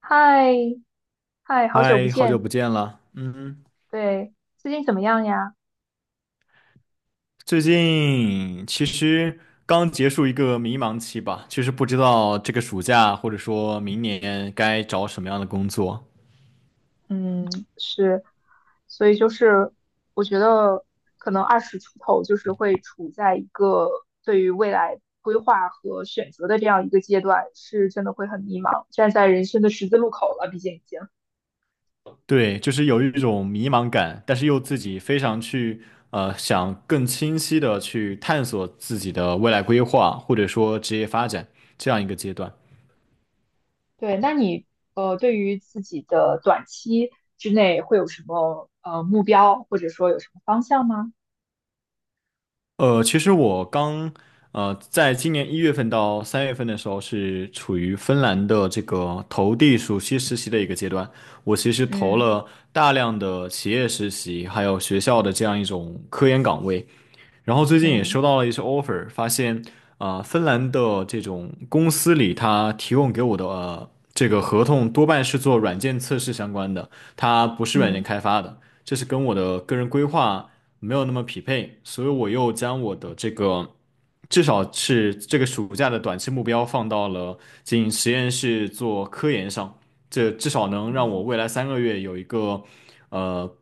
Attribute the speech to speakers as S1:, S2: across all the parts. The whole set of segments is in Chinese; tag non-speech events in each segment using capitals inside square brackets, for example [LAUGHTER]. S1: 嗨，嗨，好久不
S2: 嗨，好久
S1: 见，
S2: 不见了。嗯，
S1: 对，最近怎么样呀？
S2: 最近其实刚结束一个迷茫期吧，其实不知道这个暑假或者说明年该找什么样的工作。
S1: 嗯，是，所以就是我觉得可能二十出头就是会处在一个对于未来规划和选择的这样一个阶段，是真的会很迷茫，站在人生的十字路口了，毕竟已经。
S2: 对，就是有一种迷茫感，但是又自己非常去想更清晰的去探索自己的未来规划，或者说职业发展这样一个阶段。
S1: 对，那你对于自己的短期之内会有什么目标，或者说有什么方向吗？
S2: 其实我刚在今年一月份到三月份的时候，是处于芬兰的这个投递暑期实习的一个阶段。我其实投
S1: 嗯
S2: 了大量的企业实习，还有学校的这样一种科研岗位。然后最近也
S1: 嗯
S2: 收到了一些 offer,发现芬兰的这种公司里，它提供给我的、这个合同多半是做软件测试相关的，它不是软件
S1: 嗯。
S2: 开发的，这是跟我的个人规划没有那么匹配，所以我又将我的这个至少是这个暑假的短期目标放到了进实验室做科研上，这至少能让我
S1: 嗯。
S2: 未来三个月有一个呃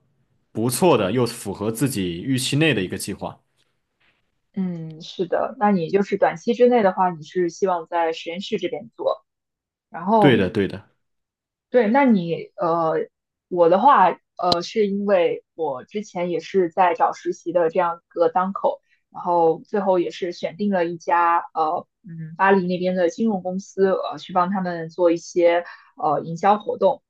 S2: 不错的又符合自己预期内的一个计划。
S1: 嗯，是的，那你就是短期之内的话，你是希望在实验室这边做，然
S2: 对
S1: 后
S2: 的，对的。
S1: 对，那你我的话，是因为我之前也是在找实习的这样一个当口，然后最后也是选定了一家嗯，巴黎那边的金融公司，去帮他们做一些营销活动，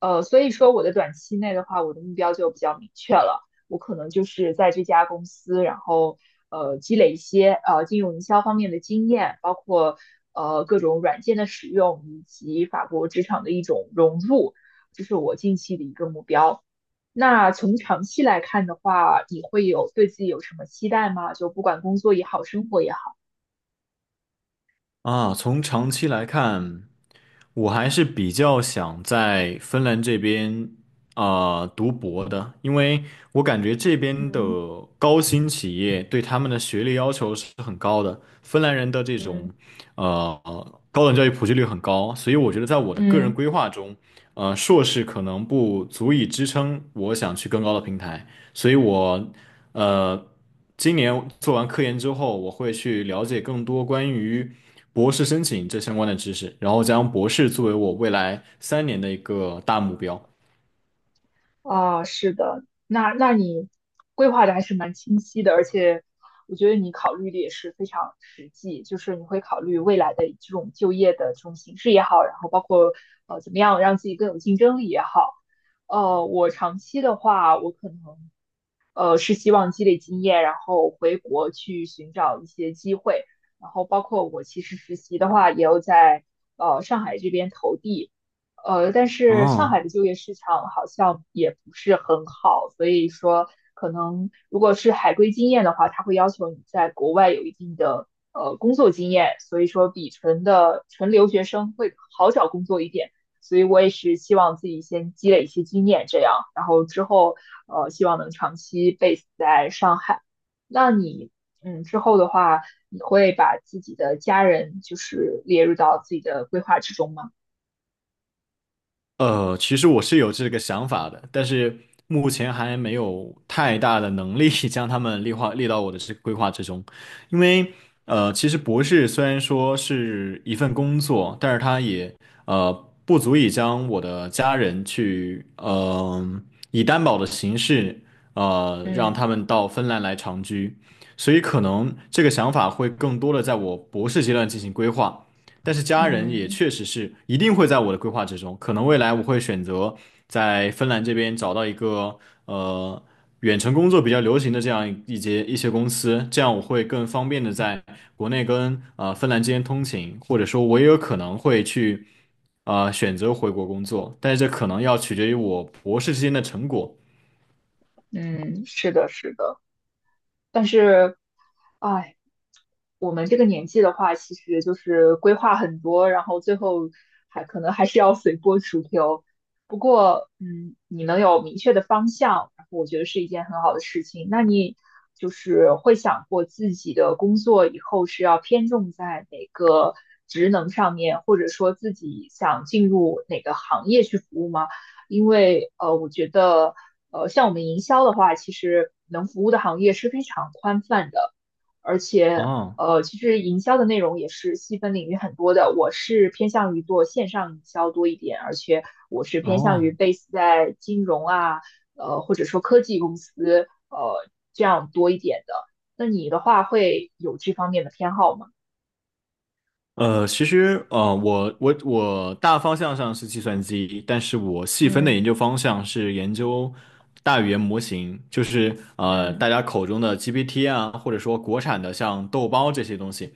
S1: 所以说我的短期内的话，我的目标就比较明确了。我可能就是在这家公司，然后积累一些金融营销方面的经验，包括各种软件的使用以及法国职场的一种融入，这是我近期的一个目标。那从长期来看的话，你会有对自己有什么期待吗？就不管工作也好，生活也好。
S2: 从长期来看，我还是比较想在芬兰这边读博的，因为我感觉这边的
S1: 嗯
S2: 高新企业对他们的学历要求是很高的，芬兰人的这
S1: 嗯
S2: 种呃高等教育普及率很高，所以我觉得在我的个人
S1: 嗯，
S2: 规划中，呃，硕士可能不足以支撑我想去更高的平台，所以我呃今年做完科研之后，我会去了解更多关于。博士申请这相关的知识，然后将博士作为我未来三年的一个大目标。
S1: 啊，是的，那你规划的还是蛮清晰的，而且我觉得你考虑的也是非常实际，就是你会考虑未来的这种就业的这种形式也好，然后包括怎么样让自己更有竞争力也好。我长期的话，我可能是希望积累经验，然后回国去寻找一些机会，然后包括我其实实习的话，也有在上海这边投递。但是上
S2: 哦，
S1: 海的就业市场好像也不是很好，所以说可能如果是海归经验的话，他会要求你在国外有一定的工作经验，所以说比纯留学生会好找工作一点。所以我也是希望自己先积累一些经验，这样，然后之后希望能长期 base 在上海。那你之后的话，你会把自己的家人就是列入到自己的规划之中吗？
S2: 其实我是有这个想法的，但是目前还没有太大的能力 [LAUGHS] 将他们列到我的这个规划之中，因为其实博士虽然说是一份工作，但是它也呃不足以将我的家人去以担保的形式让
S1: 嗯。
S2: 他们到芬兰来长居，所以可能这个想法会更多的在我博士阶段进行规划。但是家人也
S1: 嗯
S2: 确实是一定会在我的规划之中，可能未来我会选择在芬兰这边找到一个呃远程工作比较流行的这样一些公司，这样我会更方便的在国内跟芬兰之间通勤，或者说我也有可能会去选择回国工作，但是这可能要取决于我博士之间的成果。
S1: 嗯，是的，是的，但是，哎，我们这个年纪的话，其实就是规划很多，然后最后还可能还是要随波逐流。不过，嗯，你能有明确的方向，然后我觉得是一件很好的事情。那你就是会想过自己的工作以后是要偏重在哪个职能上面，或者说自己想进入哪个行业去服务吗？因为我觉得像我们营销的话，其实能服务的行业是非常宽泛的，而且
S2: 哦
S1: 其实营销的内容也是细分领域很多的。我是偏向于做线上营销多一点，而且我是偏向于
S2: 哦，
S1: base 在金融啊，或者说科技公司，这样多一点的。那你的话会有这方面的偏好吗？
S2: 呃，其实，呃，我大方向上是计算机，但是我细分的
S1: 嗯
S2: 研究方向是研究大语言模型，就是
S1: 嗯
S2: 大家口中的 GPT 啊，或者说国产的像豆包这些东西。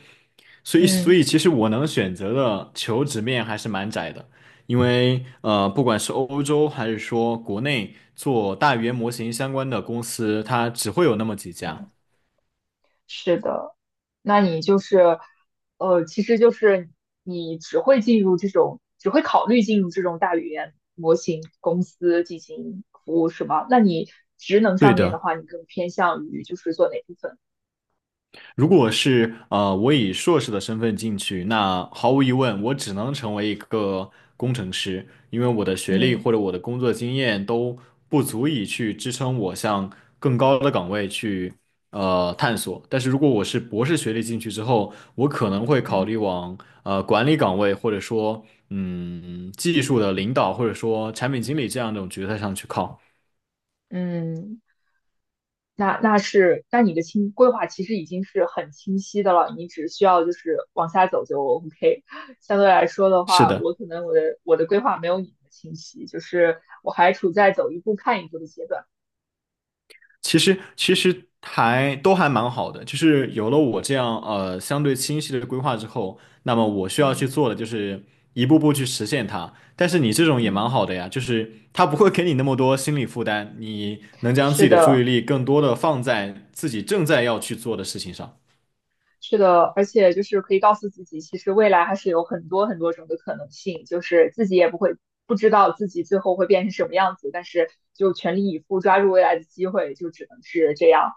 S2: 所以，所
S1: 嗯
S2: 以其实我能选择的求职面还是蛮窄的，因为呃，不管是欧洲还是说国内做大语言模型相关的公司，它只会有那么几家。
S1: 嗯，是的。那你就是，其实就是你只会进入这种，只会考虑进入这种大语言模型公司进行服务，是吗？那你职能
S2: 对
S1: 上面的
S2: 的。
S1: 话，你更偏向于就是做哪部分？
S2: 如果是呃，我以硕士的身份进去，那毫无疑问，我只能成为一个工程师，因为我的学历
S1: 嗯
S2: 或者我的工作经验都不足以去支撑我向更高的岗位去探索。但是如果我是博士学历进去之后，我可能会考
S1: 嗯
S2: 虑往管理岗位，或者说技术的领导，或者说产品经理这样一种角色上去靠。
S1: 嗯，那是，那你的清规划其实已经是很清晰的了，你只需要就是往下走就 OK。相对来说的
S2: 是
S1: 话，
S2: 的。
S1: 我可能我的规划没有你的清晰，就是我还处在走一步看一步的阶段。
S2: 其实还都还蛮好的，就是有了我这样相对清晰的规划之后，那么我需要去
S1: 嗯
S2: 做的就是一步步去实现它。但是你这种也蛮
S1: 嗯。
S2: 好的呀，就是它不会给你那么多心理负担，你能将自
S1: 是
S2: 己的注意
S1: 的，
S2: 力更多的放在自己正在要去做的事情上。
S1: 是的，而且就是可以告诉自己，其实未来还是有很多很多种的可能性，就是自己也不会不知道自己最后会变成什么样子，但是就全力以赴抓住未来的机会，就只能是这样。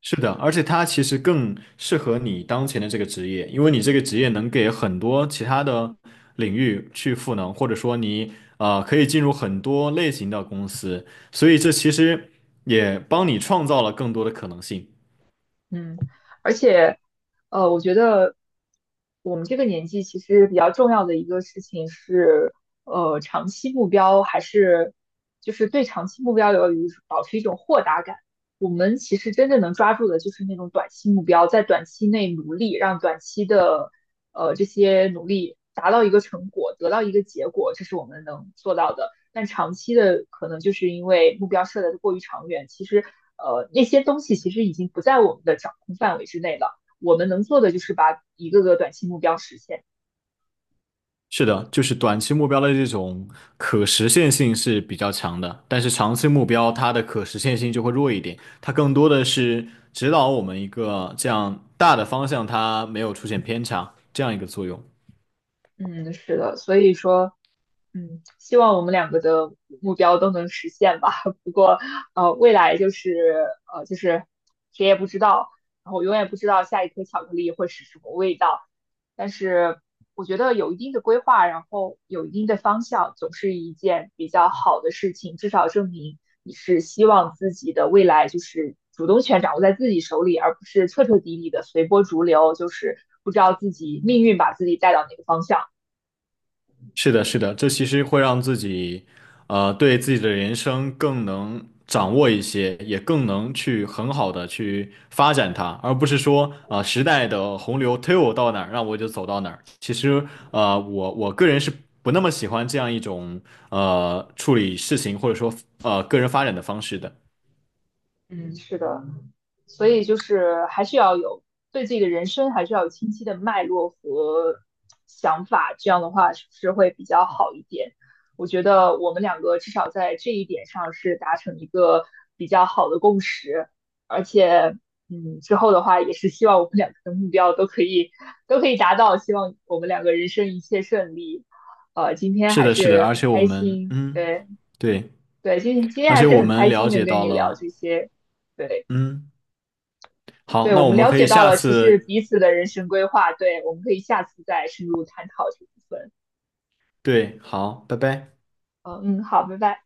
S2: 是的，而且它其实更适合你当前的这个职业，因为你这个职业能给很多其他的领域去赋能，或者说你可以进入很多类型的公司，所以这其实也帮你创造了更多的可能性。
S1: 嗯，而且，我觉得我们这个年纪其实比较重要的一个事情是，长期目标还是就是对长期目标保持一种豁达感。我们其实真正能抓住的就是那种短期目标，在短期内努力，让短期的这些努力达到一个成果，得到一个结果，这是我们能做到的。但长期的可能就是因为目标设的过于长远，其实那些东西其实已经不在我们的掌控范围之内了。我们能做的就是把一个个短期目标实现。
S2: 是的，就是短期目标的这种可实现性是比较强的，但是长期目标它的可实现性就会弱一点，它更多的是指导我们一个这样大的方向，它没有出现偏差这样一个作用。
S1: 嗯，是的，所以说希望我们两个的目标都能实现吧。[LAUGHS] 不过，未来就是就是谁也不知道，然后永远不知道下一颗巧克力会是什么味道。但是我觉得有一定的规划，然后有一定的方向，总是一件比较好的事情。至少证明你是希望自己的未来就是主动权掌握在自己手里，而不是彻彻底底的随波逐流，就是不知道自己命运把自己带到哪个方向。
S2: 是的，是的，这其实会让自己，呃，对自己的人生更能掌握一些，也更能去很好的去发展它，而不是说，时代的洪流推我到哪儿，让我就走到哪儿。其实，呃，我个人是不那么喜欢这样一种，呃，处理事情或者说，呃，个人发展的方式的。
S1: 嗯，嗯是的。所以就是还是要有对自己的人生还是要有清晰的脉络和想法，这样的话是不是会比较好一点？我觉得我们两个至少在这一点上是达成一个比较好的共识，而且，嗯，之后的话也是希望我们两个的目标都可以达到，希望我们两个人生一切顺利。今天
S2: 是
S1: 还
S2: 的，是的，
S1: 是
S2: 而
S1: 很
S2: 且我
S1: 开
S2: 们，
S1: 心，
S2: 嗯，
S1: 对
S2: 对，
S1: 对，今天
S2: 而
S1: 还
S2: 且
S1: 是
S2: 我
S1: 很
S2: 们
S1: 开
S2: 了
S1: 心
S2: 解
S1: 能跟
S2: 到
S1: 你聊
S2: 了，
S1: 这些，对。
S2: 嗯，好，
S1: 对，
S2: 那
S1: 我
S2: 我
S1: 们
S2: 们
S1: 了
S2: 可以
S1: 解到
S2: 下
S1: 了其实
S2: 次，
S1: 彼此的人生规划，对，我们可以下次再深入探讨这部分。
S2: 对，好，拜拜。
S1: 嗯嗯，好，拜拜。